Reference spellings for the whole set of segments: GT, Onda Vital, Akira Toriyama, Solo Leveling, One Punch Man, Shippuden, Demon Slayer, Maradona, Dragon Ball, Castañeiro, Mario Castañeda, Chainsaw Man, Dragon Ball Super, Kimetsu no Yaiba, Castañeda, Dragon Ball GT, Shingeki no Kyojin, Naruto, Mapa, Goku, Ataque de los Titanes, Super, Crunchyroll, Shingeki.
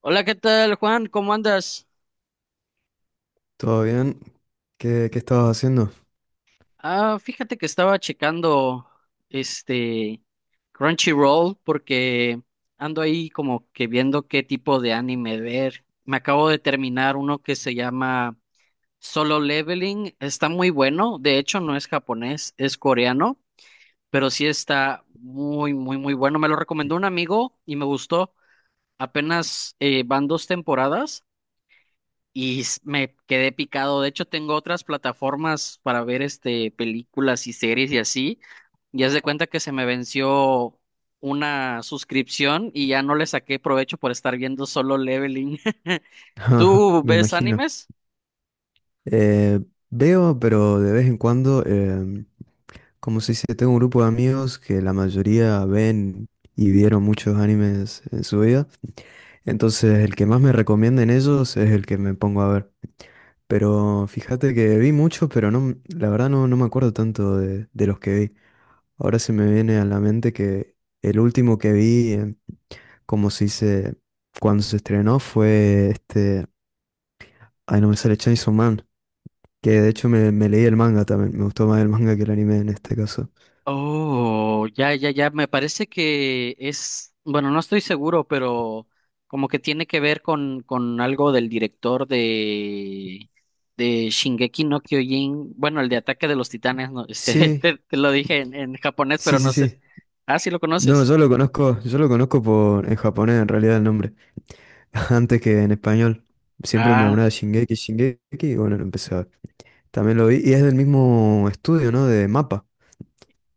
Hola, ¿qué tal, Juan? ¿Cómo andas? ¿Todo bien? ¿Qué estabas haciendo? Ah, fíjate que estaba checando este Crunchyroll porque ando ahí como que viendo qué tipo de anime ver. Me acabo de terminar uno que se llama Solo Leveling. Está muy bueno. De hecho, no es japonés, es coreano, pero sí está muy, muy, muy bueno. Me lo recomendó un amigo y me gustó. Apenas van dos temporadas. Me quedé picado. De hecho, tengo otras plataformas para ver películas y series y así. Y haz de cuenta que se me venció una suscripción y ya no le saqué provecho por estar viendo solo Leveling. ¿Tú Me ves imagino. animes? Eh, Veo, pero de vez en cuando, como si se tengo un grupo de amigos que la mayoría ven y vieron muchos animes en su vida. Entonces, el que más me recomienda en ellos es el que me pongo a ver. Pero fíjate que vi muchos, pero no, la verdad no me acuerdo tanto de los que vi. Ahora se me viene a la mente que el último que vi, como si se, dice, cuando se estrenó, fue este. Ay, no me sale Chainsaw Man. Que de hecho me leí el manga también. Me gustó más el manga que el anime en este caso. Oh, ya, ya, ya. Me parece que es, bueno, no estoy seguro, pero como que tiene que ver con algo del director de Shingeki no Kyojin. Bueno, el de Ataque de los Titanes, no, Sí, te lo dije en japonés, pero sí, sí, no sé. sí. Ah, sí lo No, conoces. Yo lo conozco por, en japonés en realidad el nombre. Antes que en español. Siempre me hablaba de Ah, Shingeki, Shingeki, y bueno, lo empecé a ver. También lo vi. Y es del mismo estudio, ¿no? De Mapa.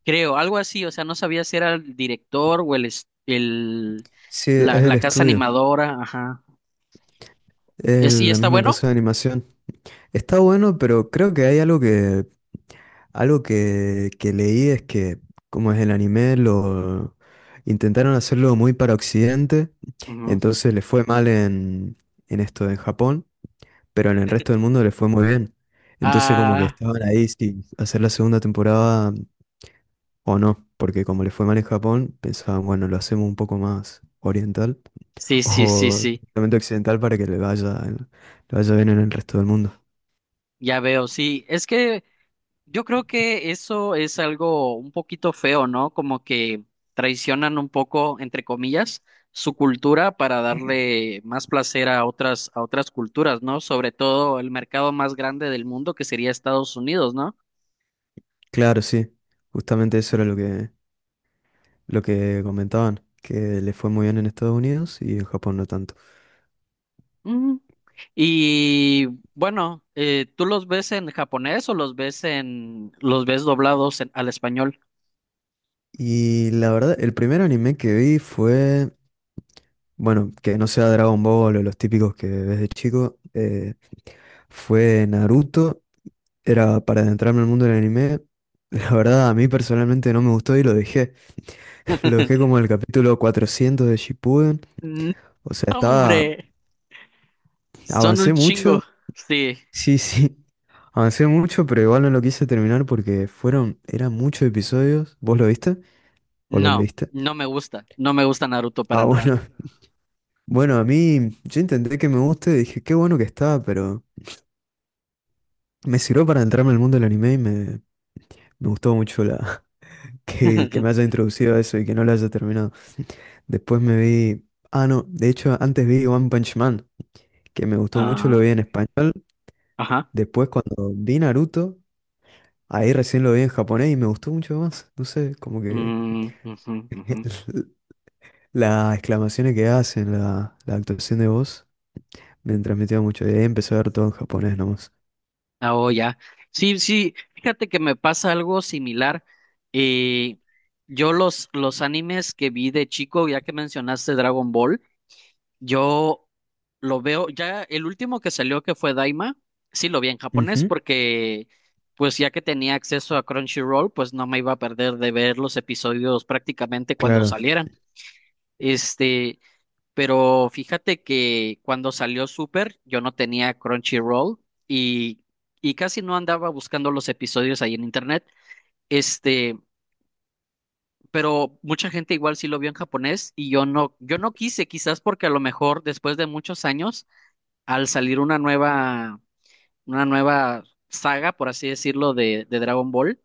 creo, algo así. O sea, no sabía si era el director o Sí, es la, el la casa estudio. animadora. Ajá. Es ¿Es, y la está misma bueno? casa de animación. Está bueno, pero creo que hay algo que, que leí es que, como es el anime, lo intentaron hacerlo muy para Occidente, Ujú. entonces le fue mal en esto en Japón, pero en el resto del mundo le fue muy bien. Entonces como que Ah, estaban ahí si hacer la segunda temporada o no, porque como le fue mal en Japón, pensaban, bueno, lo hacemos un poco más oriental sí, sí, sí, o sí. realmente occidental para que le vaya bien en el resto del mundo. Ya veo, sí. Es que yo creo que eso es algo un poquito feo, ¿no? Como que traicionan un poco, entre comillas, su cultura para darle más placer a otras culturas, ¿no? Sobre todo el mercado más grande del mundo, que sería Estados Unidos, ¿no? Claro, sí. Justamente eso era lo que comentaban, que le fue muy bien en Estados Unidos y en Japón no tanto. Mm. Y bueno, ¿tú los ves en japonés o los ves en, los ves doblados al español? Y la verdad, el primer anime que vi fue, bueno, que no sea Dragon Ball o los típicos que ves de chico, fue Naruto. Era para adentrarme al mundo del anime. La verdad, a mí personalmente no me gustó y lo dejé. Lo dejé como en el capítulo 400 de Shippuden. No, O sea, estaba, hombre, son un avancé mucho. chingo. Sí. Sí, sí. Avancé mucho, pero igual no lo quise terminar porque fueron, eran muchos episodios. ¿Vos lo viste? ¿O lo No, leíste? no me gusta. No me gusta Naruto para Ah, nada. bueno. Bueno, a mí, yo intenté que me guste, dije, qué bueno que está, pero me sirvió para entrarme al mundo del anime y me gustó mucho la, que me haya introducido a eso y que no lo haya terminado. Después me vi, ah, no, de hecho antes vi One Punch Man, que me gustó mucho, lo Ah, vi en español. ajá. Después cuando vi Naruto, ahí recién lo vi en japonés y me gustó mucho más. No sé, como que… Ujú, ujú. Las exclamaciones que hacen, la actuación de voz, me transmitía mucho. Y ahí empecé a ver todo en japonés nomás. Ah, oh, ya. Sí, sí, fíjate que me pasa algo similar. Eh, yo los animes que vi de chico, ya que mencionaste Dragon Ball, yo lo veo, ya el último que salió que fue Daima, sí lo vi en japonés Ujú. porque pues ya que tenía acceso a Crunchyroll, pues no me iba a perder de ver los episodios prácticamente cuando Claro. salieran. Este, Pero fíjate que cuando salió Super, yo no tenía Crunchyroll y, y casi no andaba buscando los episodios ahí en internet. Este, pero mucha gente igual sí lo vio en japonés y yo no, yo no quise, quizás porque a lo mejor después de muchos años, al salir una nueva saga, por así decirlo, de Dragon Ball,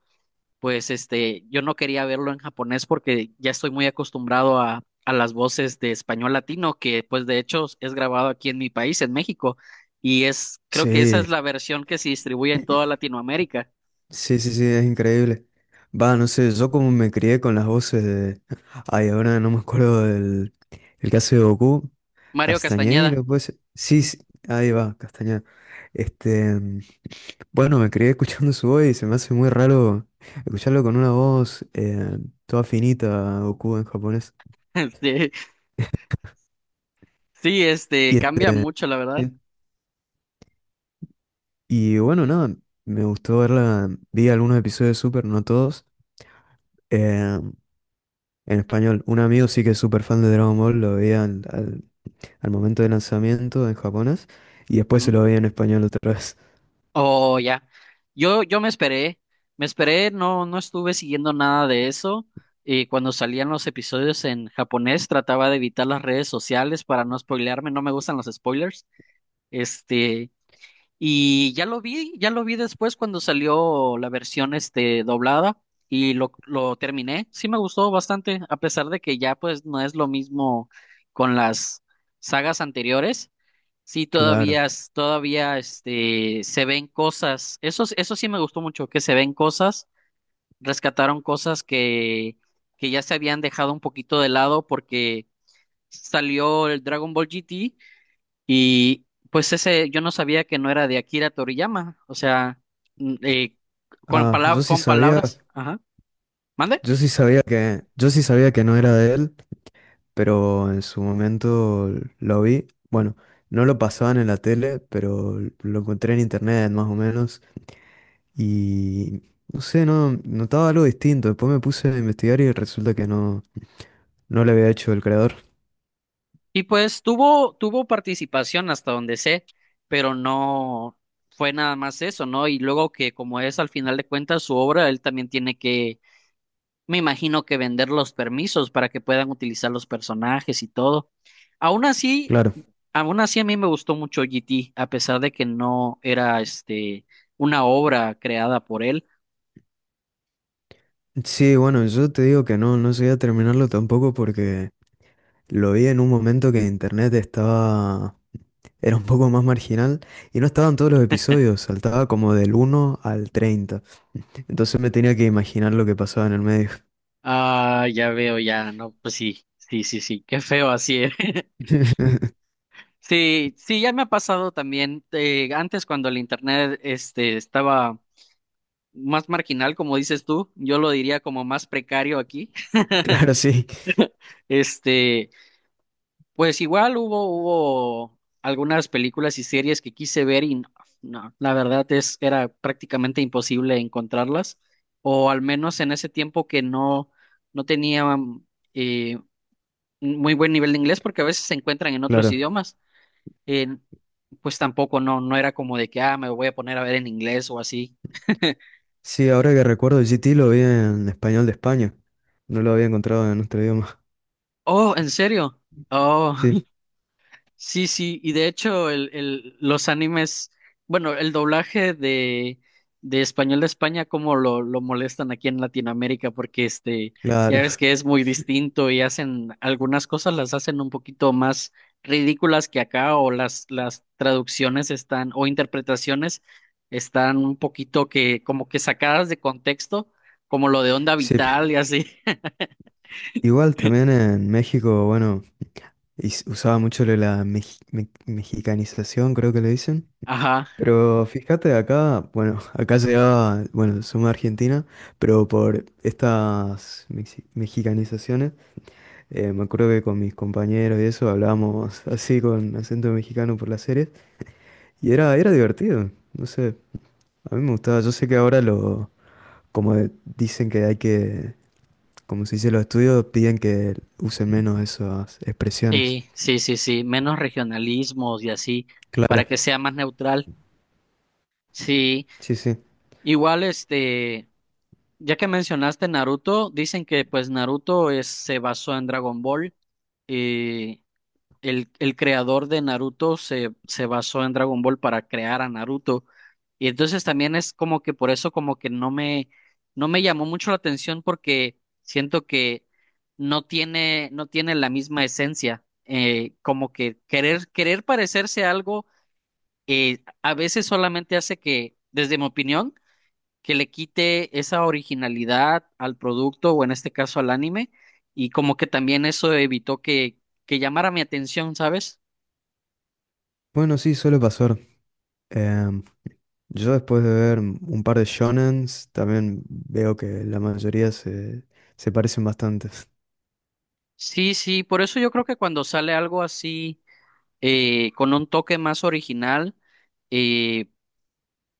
pues yo no quería verlo en japonés porque ya estoy muy acostumbrado a las voces de español latino, que pues de hecho es grabado aquí en mi país, en México, y es, creo que esa es la Sí, versión que se distribuye en toda Latinoamérica. sí, sí, sí, es increíble. Va, no sé, yo como me crié con las voces de… Ay, ahora no me acuerdo del… El caso de Goku. Mario Castañeda. Castañeiro, pues… Sí, sí, ahí va, Castañeda. Este… bueno, me crié escuchando su voz y se me hace muy raro escucharlo con una voz toda finita, Goku en japonés. Sí, sí, Y este, cambia mucho, la verdad. y bueno, nada, me gustó verla. Vi algunos episodios de Super, no todos. eh, en español, un amigo sí que es súper fan de Dragon Ball, lo veía al momento del lanzamiento en japonés y después se Ujú. lo veía en español otra vez. Oh, ya. Yo me esperé, no, no estuve siguiendo nada de eso. Y cuando salían los episodios en japonés, trataba de evitar las redes sociales para no spoilearme. No me gustan los spoilers. Este, y ya lo vi después cuando salió la versión, doblada y lo terminé. Sí me gustó bastante, a pesar de que ya pues no es lo mismo con las sagas anteriores. Sí, Claro. todavía, todavía se ven cosas. Eso, eso sí me gustó mucho, que se ven cosas, rescataron cosas que ya se habían dejado un poquito de lado porque salió el Dragon Ball GT y pues ese yo no sabía que no era de Akira Toriyama. O sea, mm, eh, con Ah, yo sí con sabía, palabras. Ajá. ¿Mande? Yo sí sabía que no era de él, pero en su momento lo vi. Bueno, no lo pasaban en la tele, pero lo encontré en internet más o menos. Y no sé, no notaba algo distinto. Después me puse a investigar y resulta que no, no lo había hecho el creador. Y pues tuvo, tuvo participación hasta donde sé, pero no fue nada más eso, ¿no? Y luego que como es al final de cuentas su obra, él también tiene que, me imagino que vender los permisos para que puedan utilizar los personajes y todo. Aún así, Claro. aún así a mí me gustó mucho GT, a pesar de que no era una obra creada por él. Sí, bueno, yo te digo que no, no llegué a terminarlo tampoco porque lo vi en un momento que internet estaba, era un poco más marginal y no estaban todos los episodios, saltaba como del 1 al 30. Entonces me tenía que imaginar lo que pasaba en el medio. Ah, ya veo, ya, no, pues sí, sí, sí, sí, qué feo así. Sí, sí, ya me ha pasado también. Antes cuando el internet estaba más marginal, como dices tú, yo lo diría como más precario aquí. Claro, sí, Este, pues igual hubo, hubo algunas películas y series que quise ver y no, no, la verdad es, era prácticamente imposible encontrarlas. O al menos en ese tiempo que no, no tenía eh, un muy buen nivel de inglés, porque a veces se encuentran en otros claro. idiomas. Pues tampoco no, no era como de que, ah, me voy a poner a ver en inglés o así. Sí, ahora que recuerdo, GT lo vi en español de España. No lo había encontrado en nuestro idioma. Oh, ¿en serio? Oh, Sí. sí, sí, y de hecho los animes, bueno, el doblaje de español de España, cómo lo molestan aquí en Latinoamérica, porque ya Claro, ves que es muy distinto y hacen algunas cosas las hacen un poquito más ridículas que acá, o las traducciones están, o interpretaciones están un poquito que, como que sacadas de contexto, como lo de Onda sí. Vital y así. Igual también en México, bueno, usaba mucho lo de la mexicanización, creo que le dicen. Ajá. Pero fíjate acá, bueno, acá llegaba, bueno, somos de Argentina, pero por estas mexicanizaciones, me acuerdo que con mis compañeros y eso hablábamos así con acento mexicano por las series y era, era divertido, no sé, a mí me gustaba, yo sé que ahora lo, como dicen que hay que como se dice, los estudios piden que use menos esas expresiones. Sí, sí, sí, sí, menos regionalismos y así, para Claro. que sea más neutral. Sí, Sí, sí. igual ya que mencionaste Naruto, dicen que pues Naruto es, se basó en Dragon Ball eh, el creador de Naruto se, se basó en Dragon Ball para crear a Naruto. Y entonces también es como que por eso como que no me, no me llamó mucho la atención porque siento que no tiene, no tiene la misma esencia. Como que querer, querer parecerse a algo a veces solamente hace que, desde mi opinión, que le quite esa originalidad al producto o en este caso al anime. Y como que también eso evitó que llamara mi atención, ¿sabes? Bueno, sí, suele pasar. Em, yo después de ver un par de shonens, también veo que la mayoría se, se parecen bastante. Sí, sí, por eso yo creo que cuando sale algo así, con un toque más original, eh,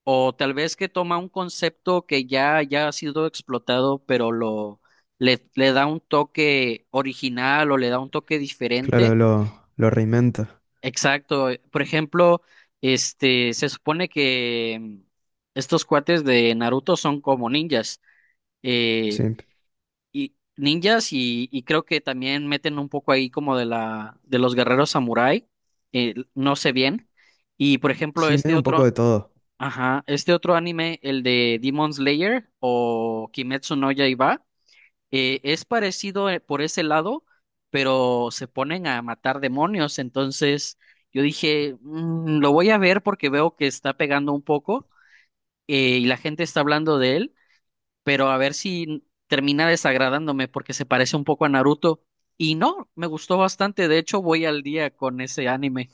o tal vez que toma un concepto que ya, ya ha sido explotado, pero lo, le da un toque original o le da un toque Claro, diferente. Lo reinventa. Exacto. Por ejemplo, se supone que estos cuates de Naruto son como ninjas. Eh, Sí, y ninjas y creo que también meten un poco ahí como de la de los guerreros samurái, no sé bien. Y por ejemplo, sí, este medio un poco de otro, todo. ajá, este otro anime, el de Demon Slayer o Kimetsu no Yaiba, es parecido por ese lado, pero se ponen a matar demonios, entonces yo dije, "Mm, lo voy a ver porque veo que está pegando un poco y la gente está hablando de él pero a ver si termina desagradándome porque se parece un poco a Naruto". Y no, me gustó bastante, de hecho voy al día con ese anime.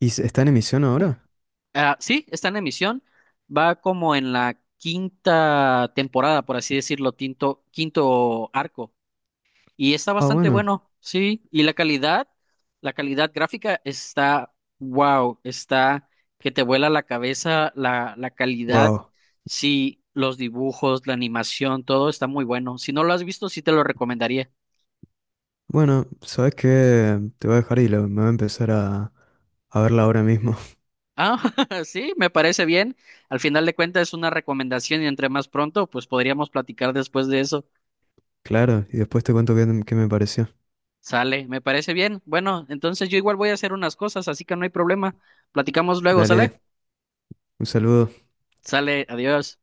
¿Y está en emisión ahora? Ah, sí, está en emisión, va como en la quinta temporada, por así decirlo, quinto arco. Y está Ah, bastante bueno. bueno, sí. Y la calidad gráfica está, wow, está que te vuela la cabeza, la calidad, Wow. sí, los dibujos, la animación, todo está muy bueno. Si no lo has visto, sí te lo recomendaría. Bueno, ¿sabes qué? Te voy a dejar y me voy a empezar a verla ahora mismo. Ah, sí, me parece bien. Al final de cuentas es una recomendación y entre más pronto, pues podríamos platicar después de eso. Claro, y después te cuento qué me pareció. Sale, me parece bien. Bueno, entonces yo igual voy a hacer unas cosas, así que no hay problema. Platicamos luego, ¿sale? Dale, un saludo. Sale, adiós.